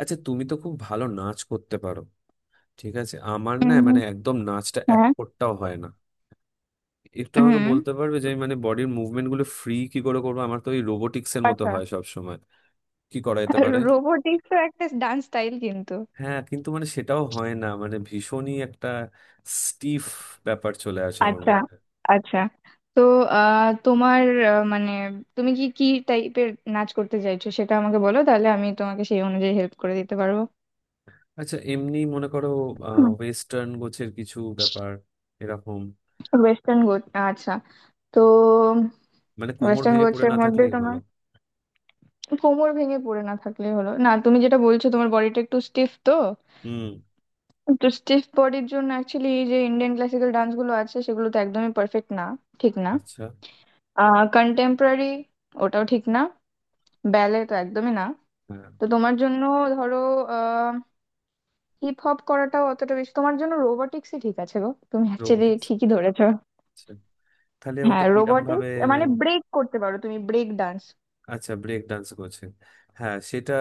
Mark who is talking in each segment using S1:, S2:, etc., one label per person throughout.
S1: আচ্ছা তুমি তো খুব ভালো নাচ করতে পারো। ঠিক আছে, আমার না মানে
S2: উম,
S1: একদম নাচটা এক
S2: হ্যাঁ।
S1: ফোঁটাও হয় না। একটু আমাকে
S2: হুম।
S1: বলতে পারবে যে আমি মানে বডির মুভমেন্ট গুলো ফ্রি কি করে করবো? আমার তো ওই রোবোটিক্স এর মতো
S2: আচ্ছা,
S1: হয় সব সময়। কি করা যেতে পারে?
S2: রোবোটিক্স একটা ডান্স স্টাইল কিন্তু।
S1: হ্যাঁ, কিন্তু মানে সেটাও হয় না, মানে ভীষণই একটা স্টিফ ব্যাপার চলে আসে আমার
S2: আচ্ছা
S1: মধ্যে।
S2: আচ্ছা। তো তোমার মানে তুমি কি কি টাইপের নাচ করতে চাইছো সেটা আমাকে বলো, তাহলে আমি তোমাকে সেই অনুযায়ী হেল্প করে দিতে পারবো।
S1: আচ্ছা, এমনি মনে করো ওয়েস্টার্ন গোছের কিছু ব্যাপার, এরকম।
S2: ওয়েস্টার্ন গোছ। আচ্ছা। তো
S1: মানে কোমর
S2: ওয়েস্টার্ন
S1: ভেঙে পড়ে
S2: গোছের
S1: না
S2: মধ্যে
S1: থাকলেই হলো।
S2: তোমার কোমর ভেঙে পড়ে না থাকলে হলো না, তুমি যেটা বলছো তোমার বডিটা একটু স্টিফ তো
S1: হুম।
S2: তো স্টিফ বডির জন্য অ্যাকচুয়ালি এই যে ইন্ডিয়ান ক্লাসিক্যাল ডান্স গুলো আছে সেগুলো তো একদমই পারফেক্ট না, ঠিক না।
S1: আচ্ছা।
S2: কন্টেম্পোরারি, ওটাও ঠিক না। ব্যালে তো একদমই না।
S1: হ্যাঁ।
S2: তো তোমার জন্য, ধরো আহ হিপ হপ করাটাও অতটা বেশি তোমার জন্য। রোবোটিক্সই ঠিক আছে গো, তুমি অ্যাকচুয়ালি
S1: রোবোটিক্স?
S2: ঠিকই ধরেছো।
S1: আচ্ছা, তাহলে ওটা
S2: হ্যাঁ,
S1: কিরম ভাবে?
S2: রোবোটিক্স মানে ব্রেক করতে পারো তুমি, ব্রেক ডান্স।
S1: আচ্ছা, ব্রেক ডান্স করছেন। হ্যাঁ, সেটা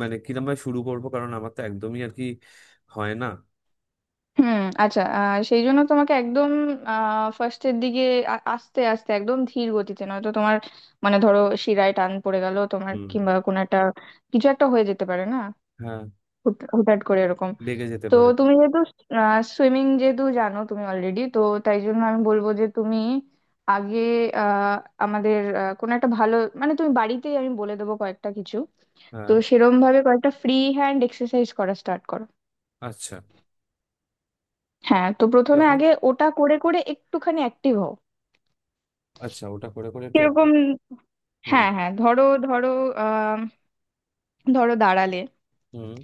S1: মানে কিরম ভাবে শুরু করব? কারণ আমার তো একদমই আর কি হয় না।
S2: হুম। আচ্ছা, সেই জন্য তোমাকে একদম ফার্স্টের দিকে আস্তে আস্তে একদম ধীর গতিতে, নয়তো তোমার মানে ধরো শিরায় টান পড়ে গেল তোমার,
S1: হুম।
S2: কিংবা কোনো একটা কিছু একটা হয়ে যেতে পারে না,
S1: হ্যাঁ,
S2: হুটহাট করে এরকম।
S1: লেগে যেতে
S2: তো
S1: পারে।
S2: তুমি যেহেতু সুইমিং যেহেতু জানো তুমি অলরেডি তো, তাই জন্য আমি বলবো যে তুমি আগে আহ, আমাদের কোনো একটা ভালো, মানে তুমি বাড়িতেই আমি বলে দেবো কয়েকটা কিছু। তো
S1: হ্যাঁ।
S2: সেরম ভাবে কয়েকটা ফ্রি হ্যান্ড এক্সারসাইজ করা স্টার্ট করো।
S1: আচ্ছা।
S2: হ্যাঁ, তো প্রথমে
S1: কিরকম?
S2: আগে ওটা করে করে একটুখানি অ্যাক্টিভ হও।
S1: আচ্ছা, ওটা করে করে একটু অ্যাক্টিভ।
S2: কিরকম?
S1: হুম।
S2: হ্যাঁ হ্যাঁ, ধরো ধরো আহ ধরো দাঁড়ালে,
S1: হুম।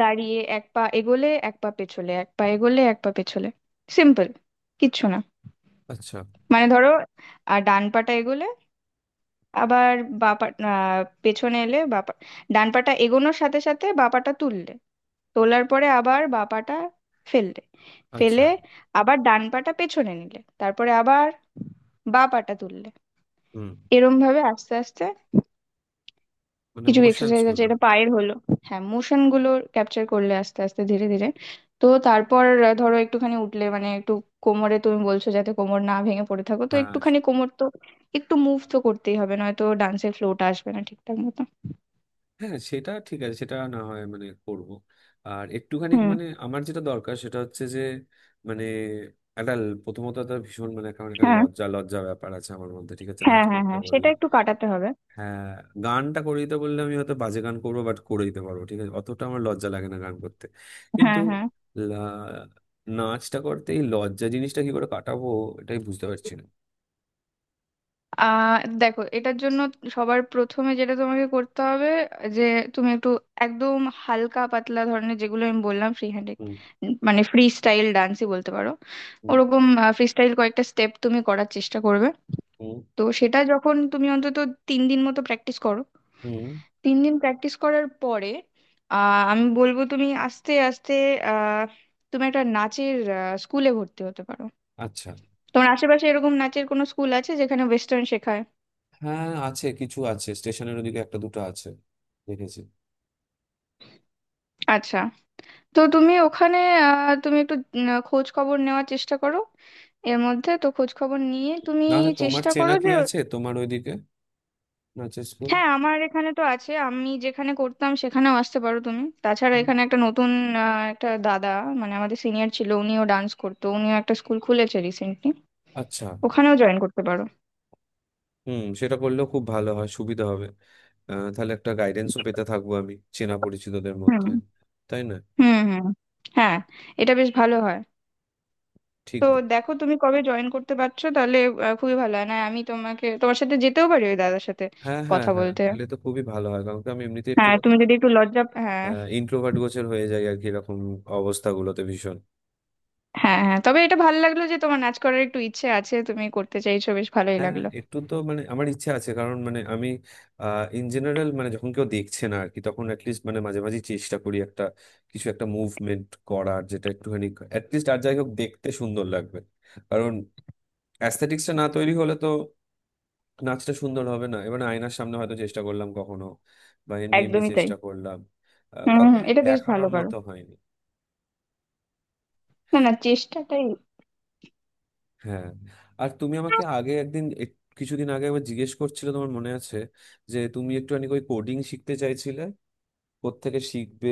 S2: দাঁড়িয়ে এক পা এগোলে এক পা পেছলে এক পা এগোলে এক পা পেছলে। সিম্পল, কিচ্ছু না।
S1: আচ্ছা।
S2: মানে ধরো, আর ডান পাটা এগোলে, আবার বা পা পেছনে এলে ডান পাটা এগোনোর সাথে সাথে বা পাটা তুললে, তোলার পরে আবার বা পাটা ফেললে,
S1: আচ্ছা।
S2: ফেলে আবার ডান পাটা পেছনে নিলে তারপরে আবার বা পাটা তুললে,
S1: হুম।
S2: এরম ভাবে আস্তে আস্তে।
S1: মানে
S2: কিছু
S1: মোশনস
S2: এক্সারসাইজ আছে,
S1: গুলো।
S2: এটা পায়ের হলো। হ্যাঁ মোশন গুলো ক্যাপচার করলে আস্তে আস্তে ধীরে ধীরে। তো তারপর ধরো একটুখানি উঠলে, মানে একটু কোমরে তুমি বলছো যাতে কোমর না ভেঙে পড়ে থাকো, তো
S1: হ্যাঁ।
S2: একটুখানি কোমর তো একটু মুভ তো করতেই হবে, নয়তো ডান্সের ফ্লোটা আসবে না ঠিকঠাক মতো।
S1: হ্যাঁ সেটা ঠিক আছে, সেটা না হয় মানে করব। আর একটুখানি
S2: হুম।
S1: মানে আমার যেটা দরকার সেটা হচ্ছে যে মানে একটা প্রথমত একটা ভীষণ মানে কারণ একটা
S2: হ্যাঁ
S1: লজ্জা লজ্জা ব্যাপার আছে আমার মধ্যে, ঠিক আছে, নাচ
S2: হ্যাঁ হ্যাঁ,
S1: করতে
S2: হ্যাঁ
S1: বললে।
S2: সেটা একটু কাটাতে হবে।
S1: হ্যাঁ। গানটা করে দিতে বললে আমি হয়তো বাজে গান করবো, বাট করে দিতে পারবো, ঠিক আছে, অতটা আমার লজ্জা লাগে না গান করতে, কিন্তু
S2: হ্যাঁ হ্যাঁ,
S1: লা- নাচটা করতে এই লজ্জা জিনিসটা কি করে কাটাবো, এটাই বুঝতে পারছি না।
S2: আহ দেখো এটার জন্য সবার প্রথমে যেটা তোমাকে করতে হবে, যে তুমি একটু একদম হালকা পাতলা ধরনের, যেগুলো আমি বললাম ফ্রি হ্যান্ড,
S1: হুম।
S2: মানে ফ্রি স্টাইল ডান্সই বলতে পারো,
S1: হুম।
S2: ওরকম ফ্রি স্টাইল কয়েকটা স্টেপ তুমি করার চেষ্টা করবে।
S1: হুম।
S2: তো সেটা যখন তুমি অন্তত তিন দিন মতো প্র্যাকটিস করো,
S1: হুম।
S2: তিন দিন প্র্যাকটিস করার পরে আমি বলবো তুমি আস্তে আস্তে আহ তুমি একটা নাচের স্কুলে ভর্তি হতে পারো।
S1: আচ্ছা।
S2: তোমার আশেপাশে এরকম নাচের কোনো স্কুল আছে যেখানে ওয়েস্টার্ন শেখায়?
S1: হ্যাঁ আছে, কিছু আছে, স্টেশনের ওদিকে একটা দুটো আছে, দেখেছি।
S2: আচ্ছা, তো তুমি ওখানে তুমি একটু খোঁজ খবর নেওয়ার চেষ্টা করো। এর মধ্যে তো খোঁজ খবর নিয়ে তুমি
S1: নাহলে তোমার
S2: চেষ্টা করো
S1: চেনা কি
S2: যে।
S1: আছে তোমার ওইদিকে নাচের স্কুল?
S2: হ্যাঁ আমার এখানে তো আছে, আমি যেখানে করতাম সেখানেও আসতে পারো তুমি, তাছাড়া এখানে একটা নতুন একটা দাদা, মানে আমাদের সিনিয়র ছিল, উনিও ডান্স করতো, উনিও একটা স্কুল খুলেছে রিসেন্টলি।
S1: আচ্ছা।
S2: ওখানেও জয়েন করতে পারো।
S1: হুম, সেটা করলেও খুব ভালো হয়, সুবিধা হবে। তাহলে একটা গাইডেন্সও পেতে থাকবো আমি চেনা পরিচিতদের
S2: হুম
S1: মধ্যে, তাই না?
S2: হুম হুম। হ্যাঁ এটা বেশ ভালো হয়।
S1: ঠিক
S2: তো দেখো তুমি কবে জয়েন করতে পারছো, তাহলে খুবই ভালো হয় না, আমি তোমাকে তোমার সাথে যেতেও পারি ওই দাদার সাথে
S1: হ্যাঁ হ্যাঁ
S2: কথা
S1: হ্যাঁ,
S2: বলতে।
S1: এলে তো খুবই ভালো হয় কারণ কি আমি এমনিতে একটু
S2: হ্যাঁ তুমি যদি একটু লজ্জা, হ্যাঁ।
S1: ইন্ট্রোভার্ট গোছের হয়ে যাই আর কি, এরকম অবস্থাগুলোতে ভীষণ।
S2: হ্যাঁ হ্যাঁ, তবে এটা ভালো লাগলো যে তোমার নাচ করার একটু ইচ্ছে আছে, তুমি করতে চাইছো, বেশ ভালোই
S1: হ্যাঁ
S2: লাগলো।
S1: একটু তো মানে আমার ইচ্ছা আছে কারণ মানে আমি ইন জেনারেল মানে যখন কেউ দেখছে না আর কি, তখন অ্যাটলিস্ট মানে মাঝে মাঝে চেষ্টা করি একটা কিছু একটা মুভমেন্ট করার যেটা একটুখানি অ্যাটলিস্ট আর যাই হোক দেখতে সুন্দর লাগবে, কারণ অ্যাস্থেটিক্সটা না তৈরি হলে তো নাচটা সুন্দর হবে না। এবার আয়নার সামনে হয়তো চেষ্টা করলাম কখনো বা এমনি এমনি
S2: একদমই তাই।
S1: চেষ্টা করলাম,
S2: হুম হুম,
S1: কাউকে
S2: এটা বেশ ভালো
S1: দেখানোর
S2: করো।
S1: মতো হয়নি।
S2: না না, চেষ্টাটাই।
S1: হ্যাঁ। আর তুমি আমাকে আগে একদিন কিছুদিন আগে একবার জিজ্ঞেস করছিলে, তোমার মনে আছে, যে তুমি একটুখানি ওই কোডিং শিখতে চাইছিলে, কোত্থেকে শিখবে।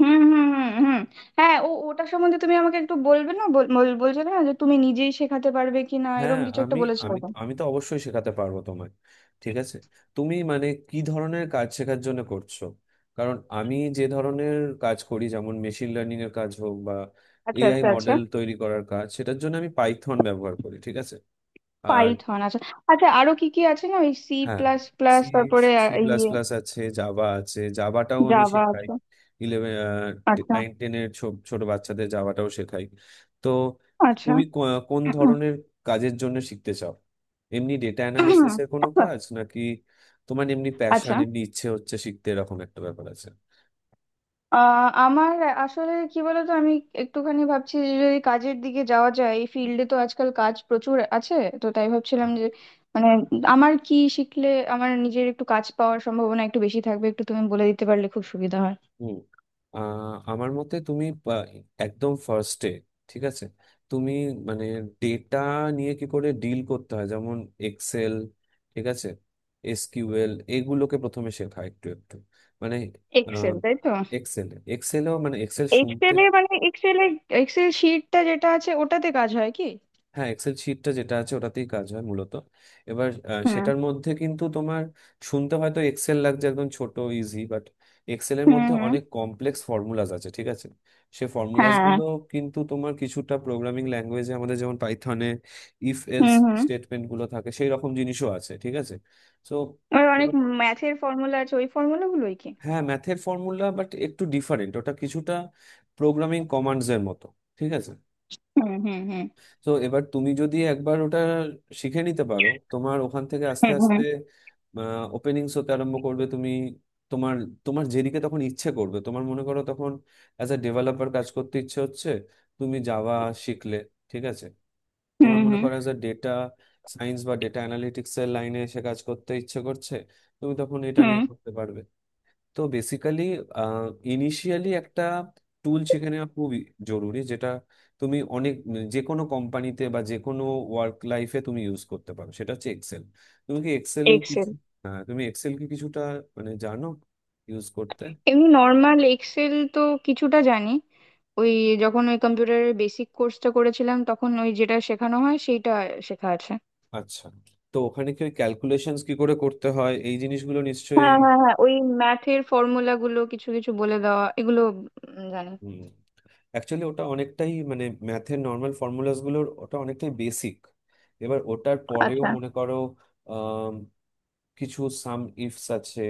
S2: হুম হুম হুম হুম। হ্যাঁ, ওটা সম্বন্ধে তুমি আমাকে একটু বলবে না? বলছিলে না যে তুমি নিজেই শেখাতে পারবে কিনা,
S1: হ্যাঁ
S2: এরকম কিছু একটা
S1: আমি
S2: বলেছিল
S1: আমি
S2: তো।
S1: আমি তো অবশ্যই শেখাতে পারবো তোমায়, ঠিক আছে। তুমি মানে কি ধরনের কাজ শেখার জন্য করছো? কারণ আমি যে ধরনের কাজ করি যেমন মেশিন লার্নিং এর কাজ হোক বা
S2: আচ্ছা
S1: এআই
S2: আচ্ছা আচ্ছা।
S1: মডেল তৈরি করার কাজ, সেটার জন্য আমি পাইথন ব্যবহার করি, ঠিক আছে। আর
S2: পাইথন আছে। আচ্ছা, আরো কি কি আছে? না, ওই সি
S1: হ্যাঁ,
S2: প্লাস প্লাস,
S1: সি,
S2: তারপরে
S1: সি প্লাস
S2: ইয়ে।
S1: প্লাস আছে, জাভা আছে, জাভাটাও আমি
S2: জাভা
S1: শেখাই।
S2: আছে।
S1: ইলেভেন,
S2: আচ্ছা
S1: নাইন টেনের ছোট বাচ্চাদের জাভাটাও শেখাই। তো
S2: আচ্ছা।
S1: তুমি কোন ধরনের কাজের জন্য শিখতে চাও? এমনি ডেটা অ্যানালিসিস এর কোনো কাজ নাকি তোমার এমনি প্যাশন,
S2: আচ্ছা,
S1: এমনি ইচ্ছে হচ্ছে শিখতে, এরকম একটা ব্যাপার আছে?
S2: আমার আসলে কি বলতো, আমি একটুখানি ভাবছি যে যদি কাজের দিকে যাওয়া যায় এই ফিল্ডে, তো আজকাল কাজ প্রচুর আছে, তো তাই ভাবছিলাম যে মানে আমার কি শিখলে আমার নিজের একটু কাজ পাওয়ার সম্ভাবনা একটু বেশি থাকবে, একটু তুমি বলে দিতে পারলে খুব সুবিধা হয়।
S1: হুম। আমার মতে তুমি একদম ফার্স্টে, ঠিক আছে, তুমি মানে ডেটা নিয়ে কি করে ডিল করতে হয় যেমন এক্সেল, ঠিক আছে, এসকিউএল, এগুলোকে প্রথমে শেখা একটু একটু, মানে
S2: এক্সেল, তাই তো।
S1: এক্সেল এক্সেলও মানে এক্সেল শুনতে।
S2: এক্সেলে এক্সেল শিটটা যেটা আছে, ওটাতে কাজ হয় কি?
S1: হ্যাঁ এক্সেল শিটটা যেটা আছে ওটাতেই কাজ হয় মূলত। এবার সেটার মধ্যে কিন্তু তোমার শুনতে হয়তো এক্সেল লাগছে একদম ছোট ইজি, বাট এক্সেলের
S2: হুম
S1: মধ্যে
S2: হুম।
S1: অনেক কমপ্লেক্স ফর্মুলাজ আছে, ঠিক আছে। সে ফর্মুলাজ
S2: হ্যাঁ।
S1: গুলো কিন্তু তোমার কিছুটা প্রোগ্রামিং ল্যাঙ্গুয়েজে আমাদের যেমন পাইথনে ইফ এলস
S2: হুম হুম।
S1: স্টেটমেন্ট গুলো থাকে সেই রকম জিনিসও আছে, ঠিক আছে। তো
S2: ওর অনেক ম্যাথের ফর্মুলা আছে, ওই ফর্মুলা গুলোই কি?
S1: হ্যাঁ ম্যাথের ফর্মুলা, বাট একটু ডিফারেন্ট, ওটা কিছুটা প্রোগ্রামিং কমান্ডস এর মতো, ঠিক আছে।
S2: হুম হুম হুম
S1: তো এবার তুমি যদি একবার ওটা শিখে নিতে পারো তোমার ওখান থেকে আস্তে
S2: হুম হুম
S1: আস্তে ওপেনিংস হতে আরম্ভ করবে। তুমি তোমার তোমার যেদিকে তখন ইচ্ছে করবে, তোমার মনে করো তখন অ্যাজ আ ডেভেলপার কাজ করতে ইচ্ছে হচ্ছে, তুমি জাভা শিখলে, ঠিক আছে। তোমার
S2: হুম
S1: মনে
S2: হুম
S1: করো অ্যাজ ডেটা সায়েন্স বা ডেটা অ্যানালিটিক্স এর লাইনে এসে কাজ করতে ইচ্ছে করছে, তুমি তখন এটা নিয়ে
S2: হুম।
S1: করতে পারবে। তো বেসিক্যালি ইনিশিয়ালি একটা টুল শিখে নেওয়া খুবই জরুরি যেটা তুমি অনেক, যে কোনো কোম্পানিতে বা যে কোনো ওয়ার্ক লাইফে তুমি ইউজ করতে পারো, সেটা হচ্ছে এক্সেল। তুমি কি এক্সেল
S2: এক্সেল।
S1: কিছু, হ্যাঁ তুমি এক্সেল কি কিছুটা মানে জানো ইউজ করতে?
S2: এমনি নর্মাল এক্সেল তো কিছুটা জানি। ওই যখন ওই কম্পিউটারের বেসিক কোর্সটা করেছিলাম, তখন ওই যেটা শেখানো হয় সেইটা শেখা আছে।
S1: আচ্ছা, তো ওখানে কি ওই ক্যালকুলেশনস কি করে করতে হয় এই জিনিসগুলো নিশ্চয়ই।
S2: হ্যাঁ হ্যাঁ হ্যাঁ, ওই ম্যাথের ফর্মুলা গুলো কিছু কিছু বলে দেওয়া, এগুলো জানি।
S1: হুম। অ্যাকচুয়ালি ওটা অনেকটাই মানে ম্যাথের নর্মাল ফর্মুলাস গুলোর, ওটা অনেকটাই বেসিক। এবার ওটার পরেও
S2: আচ্ছা।
S1: মনে করো কিছু সাম ইফস আছে,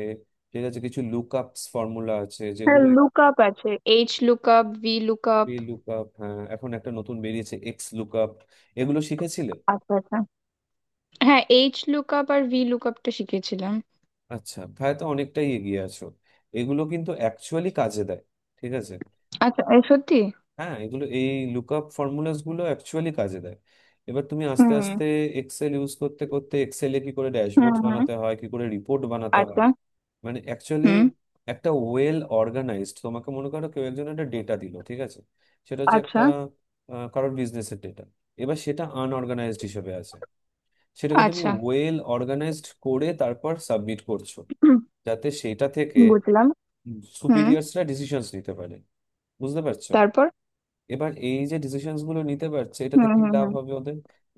S1: ঠিক আছে, কিছু লুক আপস ফর্মুলা আছে
S2: হ্যাঁ
S1: যেগুলো
S2: লুক আপ আছে, H look up, V look
S1: P
S2: up.
S1: Look up, হ্যাঁ এখন একটা নতুন বেরিয়েছে এক্স লুক আপ, এগুলো শিখেছিলে?
S2: আচ্ছা আচ্ছা। হ্যাঁ এইচ লুক আপ আর ভি লুক আপটা শিখেছিলাম।
S1: আচ্ছা, তাহলে তো অনেকটাই এগিয়ে আছো। এগুলো কিন্তু অ্যাকচুয়ালি কাজে দেয়, ঠিক আছে।
S2: আচ্ছা, এ সত্যি?
S1: হ্যাঁ এগুলো এই লুকআপ ফর্মুলাস গুলো অ্যাকচুয়ালি কাজে দেয়। এবার তুমি আস্তে
S2: হুম
S1: আস্তে এক্সেল ইউজ করতে করতে এক্সেলে কি করে
S2: হুম
S1: ড্যাশবোর্ড
S2: হুম।
S1: বানাতে হয়, কি করে রিপোর্ট বানাতে হয়,
S2: আচ্ছা।
S1: মানে অ্যাকচুয়ালি
S2: হুম।
S1: একটা ওয়েল অর্গানাইজড, তোমাকে মনে করো কেউ একজন একটা ডেটা দিল, ঠিক আছে, সেটা হচ্ছে
S2: আচ্ছা
S1: একটা কারোর বিজনেসের ডেটা। এবার সেটা আনঅর্গানাইজড হিসেবে আছে, সেটাকে তুমি
S2: আচ্ছা।
S1: ওয়েল অর্গানাইজড করে তারপর সাবমিট করছো
S2: হুম,
S1: যাতে সেটা থেকে
S2: বুঝলাম। হুম।
S1: সুপিরিয়ার্সরা ডিসিশনস নিতে পারে। বুঝতে পারছো?
S2: তারপর?
S1: এবার এই যে ডিসিশনস গুলো নিতে পারছে এটাতে
S2: হুম
S1: কি
S2: হুম
S1: লাভ
S2: হুম
S1: হবে ওদের?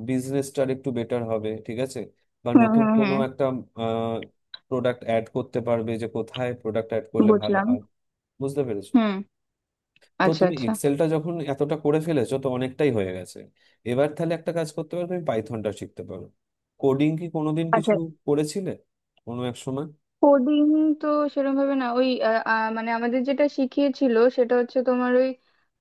S1: বিজনেসটার একটু বেটার হবে, ঠিক আছে, বা
S2: হুম
S1: নতুন
S2: হুম
S1: কোনো
S2: হুম।
S1: একটা প্রোডাক্ট অ্যাড করতে পারবে যে কোথায় প্রোডাক্ট অ্যাড করলে ভালো
S2: বুঝলাম।
S1: হয়। বুঝতে পেরেছো?
S2: হুম।
S1: তো
S2: আচ্ছা
S1: তুমি
S2: আচ্ছা
S1: এক্সেলটা যখন এতটা করে ফেলেছো তো অনেকটাই হয়ে গেছে। এবার তাহলে একটা কাজ করতে পারো, তুমি পাইথনটা শিখতে পারো। কোডিং কি কোনোদিন
S2: আচ্ছা।
S1: কিছু করেছিলে কোনো এক সময়?
S2: কোডিং? তো সেরকম ভাবে না। ওই আহ, আহ, মানে আমাদের যেটা শিখিয়েছিল সেটা হচ্ছে তোমার ওই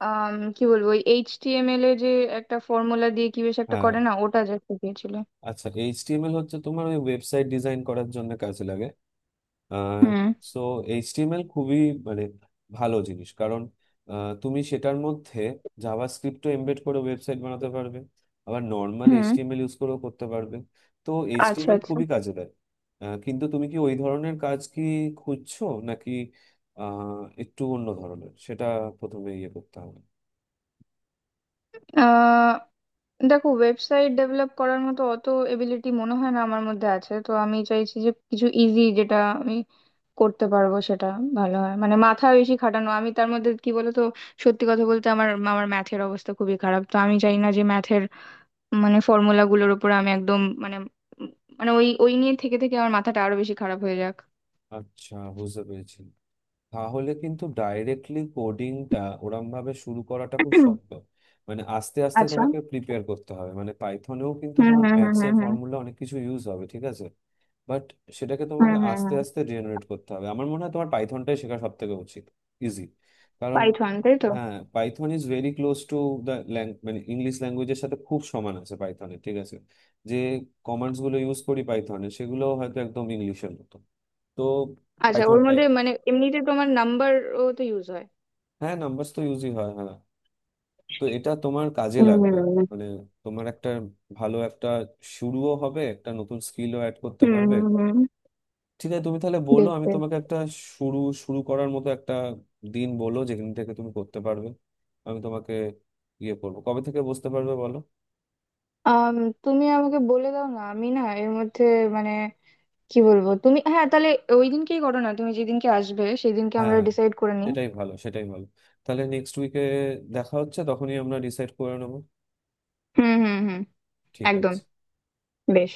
S2: কি বলবো, ওই এইচটিএমএল এ যে একটা ফর্মুলা দিয়ে কি বেশ একটা
S1: হ্যাঁ।
S2: করে না ওটা, যা শিখিয়েছিল।
S1: আচ্ছা এইচটিএমএল হচ্ছে তোমার ওই ওয়েবসাইট ডিজাইন করার জন্য কাজে লাগে।
S2: হুম
S1: সো এইচটিএমএল খুবই মানে ভালো জিনিস, কারণ তুমি সেটার মধ্যে জাভাস্ক্রিপ্টও এমবেড করে ওয়েবসাইট বানাতে পারবে, আবার নর্মাল
S2: হুম।
S1: এইচটিএমএল ইউজ করেও করতে পারবে। তো
S2: আচ্ছা
S1: এইচটিএমএল খুবই কাজে দেয়। কিন্তু তুমি কি ওই ধরনের কাজ কি খুঁজছো, নাকি একটু অন্য ধরনের, সেটা প্রথমে ইয়ে করতে হবে।
S2: আচ্ছা। দেখো ওয়েবসাইট ডেভেলপ করার মতো অত এবিলিটি মনে হয় না আমার মধ্যে আছে, তো আমি চাইছি যে কিছু ইজি, যেটা আমি করতে পারবো সেটা ভালো হয়। মানে মাথা বেশি খাটানো আমি তার মধ্যে, কি বলতো, সত্যি কথা বলতে আমার আমার ম্যাথের অবস্থা খুবই খারাপ, তো আমি চাই না যে ম্যাথের মানে ফর্মুলা গুলোর উপর আমি একদম মানে উম, মানে ওই ওই নিয়ে থেকে থেকে আমার মাথাটা আরো বেশি খারাপ হয়ে যাক।
S1: আচ্ছা বুঝতে পেরেছি। তাহলে কিন্তু ডাইরেক্টলি কোডিংটা ওরম ভাবে শুরু করাটা খুব শক্ত, মানে আস্তে আস্তে
S2: আচ্ছা।
S1: তোমাকে প্রিপেয়ার করতে হবে, মানে পাইথনেও কিন্তু
S2: হুম
S1: তোমার
S2: হুম হুম
S1: ম্যাথস
S2: হুম
S1: এর
S2: হুম
S1: ফর্মুলা অনেক কিছু ইউজ হবে, ঠিক আছে। বাট সেটাকে
S2: হুম
S1: তোমাকে
S2: হুম
S1: আস্তে
S2: হুম।
S1: আস্তে জেনারেট করতে হবে। আমার মনে হয় তোমার পাইথনটাই শেখা সব থেকে উচিত, ইজি, কারণ
S2: পাইথন, তাই তো?
S1: হ্যাঁ Python is very close to the মানে ইংলিশ ল্যাঙ্গুয়েজের সাথে খুব সমান আছে পাইথনের, ঠিক আছে। যে কমান্ডস গুলো ইউজ করি পাইথনে সেগুলো হয়তো একদম ইংলিশের মতো। তো
S2: আচ্ছা, ওর
S1: পাইথনটাই।
S2: মধ্যে মানে এমনিতে তোমার নাম্বার ও তো ইউজ
S1: হ্যাঁ নাম্বারস তো ইউজই হয়, হ্যাঁ। তো এটা তোমার কাজে লাগবে,
S2: হয়।
S1: মানে তোমার একটা ভালো একটা শুরুও হবে, একটা নতুন স্কিলও অ্যাড করতে
S2: হুম
S1: পারবে।
S2: হুম হুম।
S1: ঠিক আছে তুমি তাহলে বলো,
S2: বেশ
S1: আমি
S2: বেশ।
S1: তোমাকে একটা শুরু শুরু করার মতো একটা দিন বলো, যেখান থেকে তুমি করতে পারবে। আমি তোমাকে ইয়ে করবো, কবে থেকে বসতে পারবে বলো।
S2: আম, তুমি আমাকে বলে দাও না, আমি না এর মধ্যে মানে কি বলবো, তুমি হ্যাঁ তাহলে ওই দিনকেই করো না, তুমি যেদিনকে আসবে সেদিনকে আমরা
S1: হ্যাঁ,
S2: ডিসাইড করে নিই।
S1: সেটাই ভালো সেটাই ভালো। তাহলে নেক্সট উইকে দেখা হচ্ছে, তখনই আমরা ডিসাইড করে নেবো,
S2: হুম হুম হুম।
S1: ঠিক
S2: একদম।
S1: আছে।
S2: বেশ।